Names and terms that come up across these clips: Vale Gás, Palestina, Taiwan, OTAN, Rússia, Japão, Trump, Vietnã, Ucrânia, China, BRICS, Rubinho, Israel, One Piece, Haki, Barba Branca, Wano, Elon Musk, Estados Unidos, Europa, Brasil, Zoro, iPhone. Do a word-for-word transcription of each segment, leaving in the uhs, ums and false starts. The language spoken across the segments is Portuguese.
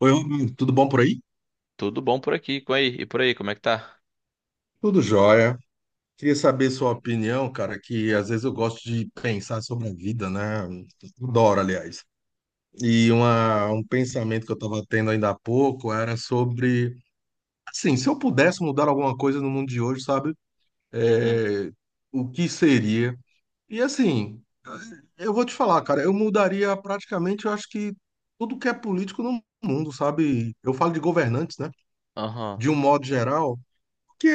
Oi, Rubinho, tudo bom por aí? Tudo bom por aqui, com aí, e por aí, como é que tá? Tudo jóia. Queria saber sua opinião, cara, que às vezes eu gosto de pensar sobre a vida, né? Adoro, aliás. E uma, um pensamento que eu estava tendo ainda há pouco era sobre, assim, se eu pudesse mudar alguma coisa no mundo de hoje, sabe? Uhum, É, o que seria? E assim, eu vou te falar, cara, eu mudaria praticamente, eu acho que tudo que é político no mundo, sabe? Eu falo de governantes, né? aham, De um modo geral. Que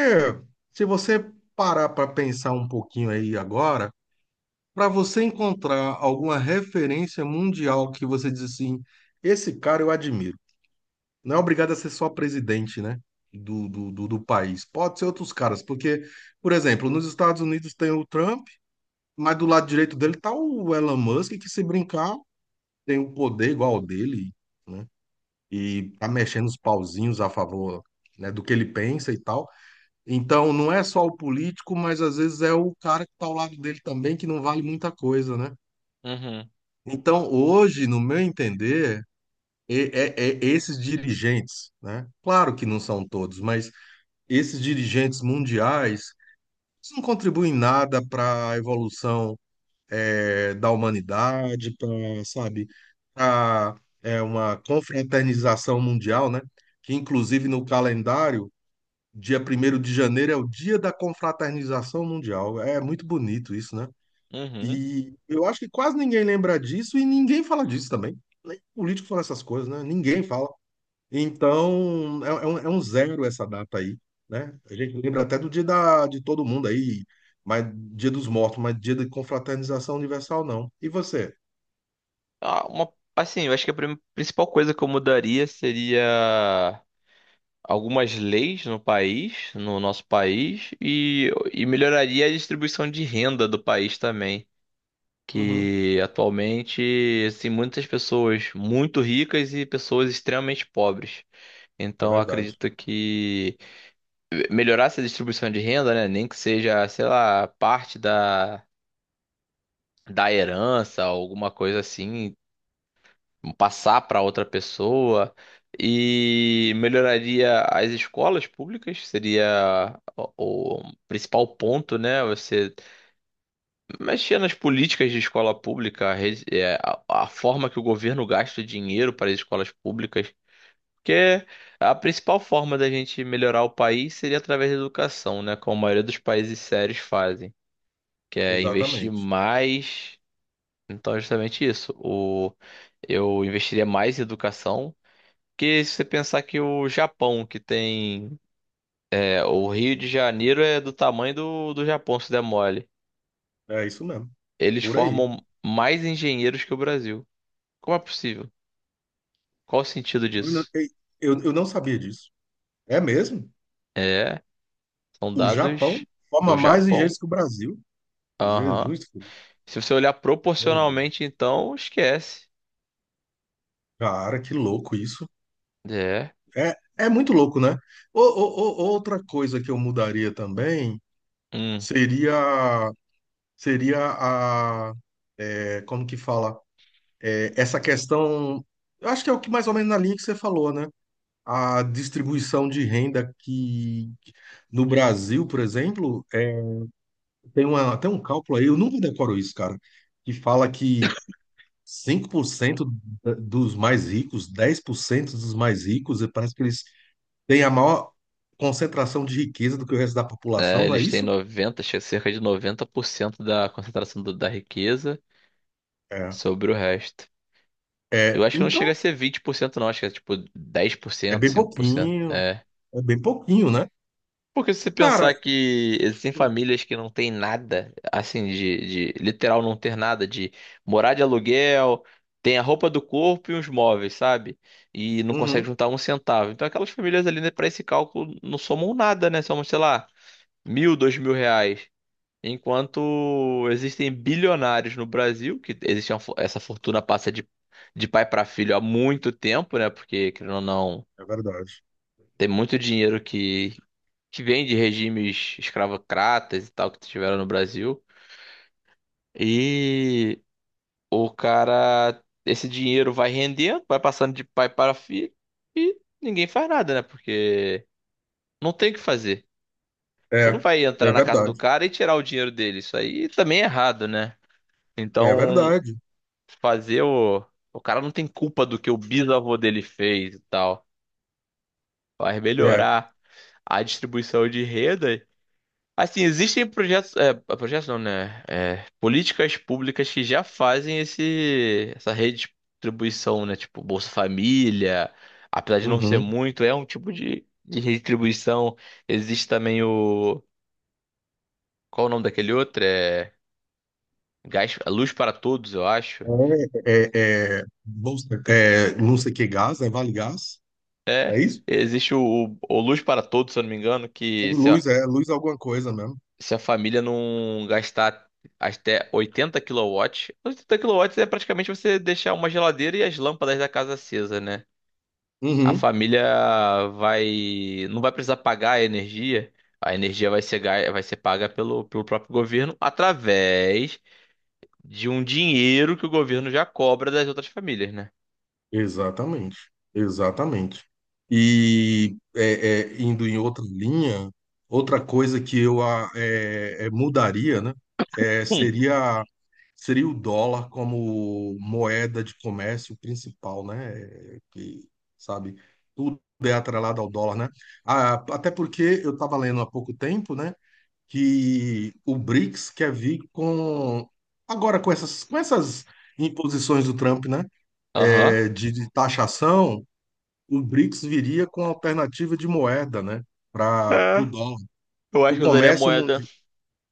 se você parar para pensar um pouquinho aí agora, para você encontrar alguma referência mundial que você diz assim, esse cara eu admiro. Não é obrigado a ser só presidente, né? Do, do, do, do país. Pode ser outros caras, porque, por exemplo, nos Estados Unidos tem o Trump, mas do lado direito dele tá o Elon Musk, que se brincar, tem o poder igual ao dele, né? E tá mexendo os pauzinhos a favor, né, do que ele pensa e tal. Então, não é só o político, mas às vezes é o cara que está ao lado dele também, que não vale muita coisa, né? uhum, Então, hoje, no meu entender, e- é, é esses dirigentes, né? Claro que não são todos, mas esses dirigentes mundiais eles não contribuem nada para a evolução eh, da humanidade, para, sabe, para uma confraternização mundial, né? Que inclusive no calendário dia primeiro de janeiro é o Dia da Confraternização Mundial. É muito bonito isso, né? uhum. E eu acho que quase ninguém lembra disso e ninguém fala disso também. Nem político fala essas coisas, né? Ninguém fala. Então, é, é um, é um zero essa data aí, né? A gente lembra até do dia da, de todo mundo aí, mas dia dos mortos, mas dia de confraternização universal, não. E você? Ah, uma, assim, eu acho que a prim- principal coisa que eu mudaria seria algumas leis no país, no nosso país, e, e melhoraria a distribuição de renda do país também, Uhum, que atualmente, assim, muitas pessoas muito ricas e pessoas extremamente pobres. é Então, eu verdade. acredito que melhorar essa distribuição de renda, né, nem que seja, sei lá, parte da da herança, alguma coisa assim, passar para outra pessoa e melhoraria as escolas públicas, seria o, o principal ponto, né? Você mexer nas políticas de escola pública, a, rede- é, a- a forma que o governo gasta dinheiro para as escolas públicas. Porque a principal forma da gente melhorar o país seria através da educação, né? Como a maioria dos países sérios fazem, que é investir Exatamente. mais. Então, é justamente isso. O... Eu investiria mais em educação. Porque se você pensar que o Japão, que tem. É, o Rio de Janeiro é do tamanho do, do Japão, se der mole. É isso mesmo. Eles Por aí. formam mais engenheiros que o Brasil. Como é possível? Qual o sentido Eu, não- disso? eu eu não sabia disso. É mesmo? É, são O Japão dados forma do mais Japão. engenheiros que o Brasil. Aham. Jesus Cristo. Se você olhar Meu Deus. proporcionalmente, então, esquece. Cara, que louco isso. É. É, é muito louco, né? Ou, ou- ou- outra coisa que eu mudaria também Hum. seria seria a é, como que fala? É, essa questão, eu acho que é o que mais ou menos na linha que você falou, né? A distribuição de renda que no Brasil, por exemplo, é, tem uma, tem um cálculo aí, eu nunca decoro isso, cara, que fala que cinco por cento da- dos mais ricos, dez por cento dos mais ricos, e parece que eles têm a maior concentração de riqueza do que o resto da É, população, não é eles têm isso? noventa, acho que é cerca de noventa por cento da concentração do- da riqueza. É. Sobre o resto. Eu É, acho que não chega a então, ser vinte por cento não. Acho que é tipo dez por é cento bem cinco por cento. pouquinho, É. é bem pouquinho, né? Porque se você pensar Cara, que existem famílias que não têm nada, assim, de, de literal não ter nada, de morar de aluguel, tem a roupa do corpo e os móveis, sabe? E não consegue uhum, juntar um centavo. Então aquelas famílias ali, né, para esse cálculo, não somam nada, né? Somam, sei lá, mil, dois mil reais. Enquanto existem bilionários no Brasil, que existe uma fo- essa fortuna passa de, de pai para filho há muito tempo, né? Porque, querendo ou não, é verdade. tem muito dinheiro que, que vem de regimes escravocratas e tal que tiveram no Brasil. E o cara, esse dinheiro vai rendendo, vai passando de pai para filho e ninguém faz nada, né? Porque não tem o que fazer. Você não É, vai entrar é na casa do verdade, cara e tirar o dinheiro dele. Isso aí também é errado, né? é Então. verdade. Fazer o. O cara não tem culpa do que o bisavô dele fez e tal. Vai É, melhorar a distribuição de renda. Assim, existem projetos. É, projetos não, né? É, políticas públicas que já fazem esse, essa redistribuição, né? Tipo, Bolsa Família. Apesar de não ser uhum. muito, é um tipo de, de redistribuição. Existe também o. Qual o nome daquele outro? É. Gás, Luz para Todos, eu acho. É, é, é, bolsa- é, não sei que gás, é Vale Gás, É, é isso? existe o, o, o Luz para Todos, se eu não me engano, É que se a, luz, é luz é alguma coisa mesmo. se a família não gastar até oitenta quilowatts, oitenta quilowatts é praticamente você deixar uma geladeira e as lâmpadas da casa acesa, né? A Uhum. família vai, não vai precisar pagar a energia, a energia vai ser, ga- vai ser paga pelo, pelo próprio governo através de um dinheiro que o governo já cobra das outras famílias, né? Exatamente, exatamente. E é, é, indo em outra linha, outra coisa que eu a- é, é, mudaria, né, é, Hum, seria seria o dólar como moeda de comércio principal, né? é, Que, sabe, tudo é atrelado ao dólar, né? Ah, até porque eu estava lendo há pouco tempo, né? Que o BRICS quer vir com agora com essas com essas imposições do Trump, né? aham. é, de, de taxação, o BRICS viria com alternativa de moeda, né? Para É, o dólar, eu para acho o que eu usaria a comércio moeda, mundial.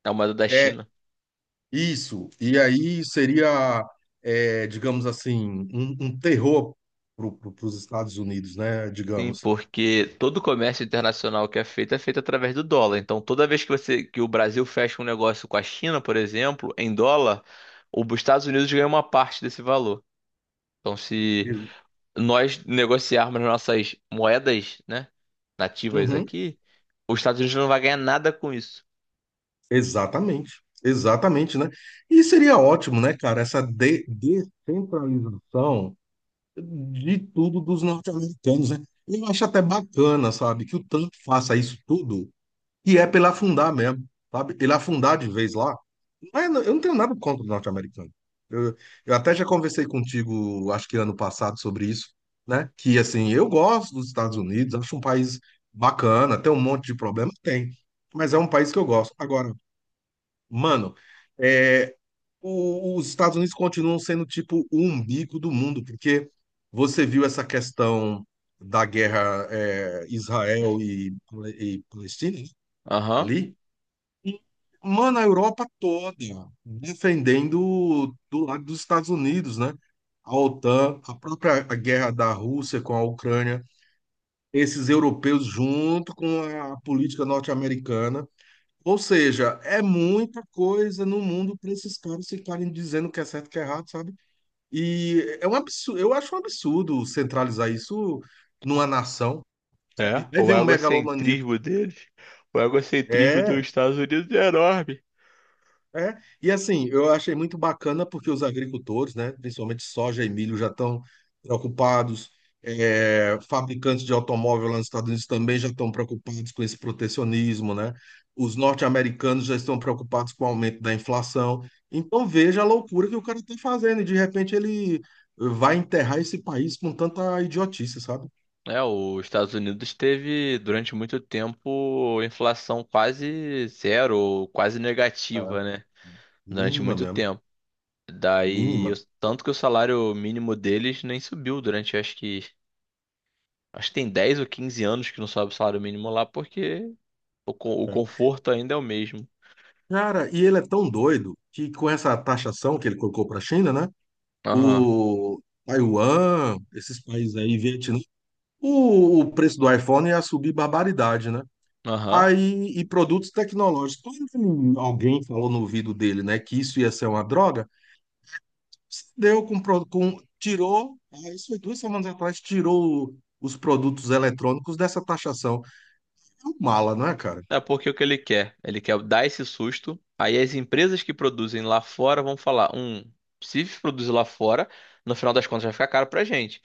a moeda da É China. isso. E aí seria, é, digamos assim, um, um terror para os Estados Unidos, né? Sim, Digamos. porque todo comércio internacional que é feito é feito através do dólar. Então, toda vez que você que o Brasil fecha um negócio com a China, por exemplo, em dólar, o- os Estados Unidos ganham uma parte desse valor. Então, se nós negociarmos nossas moedas, né, nativas Uhum. aqui, os Estados Unidos não vai ganhar nada com isso. Exatamente, exatamente, né? E seria ótimo, né, cara, essa de- descentralização de tudo dos norte-americanos, né? Eu acho até bacana, sabe, que o Trump faça isso tudo, e é pela afundar mesmo, sabe? Ele afundar de vez lá. Não é- eu não tenho nada contra o norte-americano. Eu, eu até já conversei contigo, acho que ano passado, sobre isso, né? Que, assim, eu gosto dos Estados Unidos, acho um país bacana, tem um monte de problema, tem, mas é um país que eu gosto. Agora, mano, é, o- os Estados Unidos continuam sendo tipo o umbigo do mundo, porque você viu essa questão da guerra é, Israel e, e Palestina, né, Aham. ali? E, mano, a Europa toda defendendo do lado dos Estados Unidos, né? A OTAN, a própria guerra da Rússia com a Ucrânia, esses europeus junto com a política norte-americana. Ou seja, é muita coisa no mundo para esses caras ficarem dizendo o que é certo e o que é errado, sabe? E é um absurdo, eu acho um absurdo centralizar isso numa nação, É, sabe? Aí o vem um megalomaníaco. egocentrismo deles, o egocentrismo dos É, Estados Unidos é enorme. É, e assim, eu achei muito bacana porque os agricultores, né, principalmente soja e milho, já estão preocupados. É, fabricantes de automóvel lá nos Estados Unidos também já estão preocupados com esse protecionismo, né? Os norte-americanos já estão preocupados com o aumento da inflação. Então veja a loucura que o cara está fazendo e de repente ele vai enterrar esse país com tanta idiotice, sabe? É, os Estados Unidos teve durante muito tempo inflação quase zero, ou quase negativa, É. né? Durante Mínima muito mesmo, tempo. Daí, o- mínima. tanto que o salário mínimo deles nem subiu durante, acho que, acho que tem dez ou quinze anos que não sobe o salário mínimo lá, porque o, co- o Né? conforto ainda é o mesmo. Cara, e ele é tão doido que com essa taxação que ele colocou para a China, né, Aham, o Taiwan, esses países aí, Vietnã, o, o preço do iPhone ia subir barbaridade, né? aham. Aí, e produtos tecnológicos. Quando alguém falou no ouvido dele, né, que isso ia ser uma droga, se deu com, pro- com tirou, ah, isso foi duas semanas atrás, tirou o- os produtos eletrônicos dessa taxação. É um mala, não é, cara? É porque o que ele quer? Ele quer dar esse susto. Aí as empresas que produzem lá fora vão falar, um, se produzir lá fora, no final das contas vai ficar caro pra gente.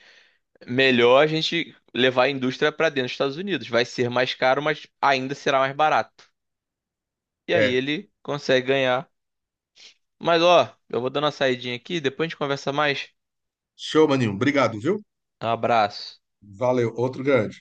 Melhor a gente levar a indústria para dentro dos Estados Unidos. Vai ser mais caro, mas ainda será mais barato. E aí É. ele consegue ganhar. Mas ó, eu vou dando uma saidinha aqui, depois a gente conversa mais. Show, maninho. Obrigado, viu? Um abraço. Valeu. Outro grande.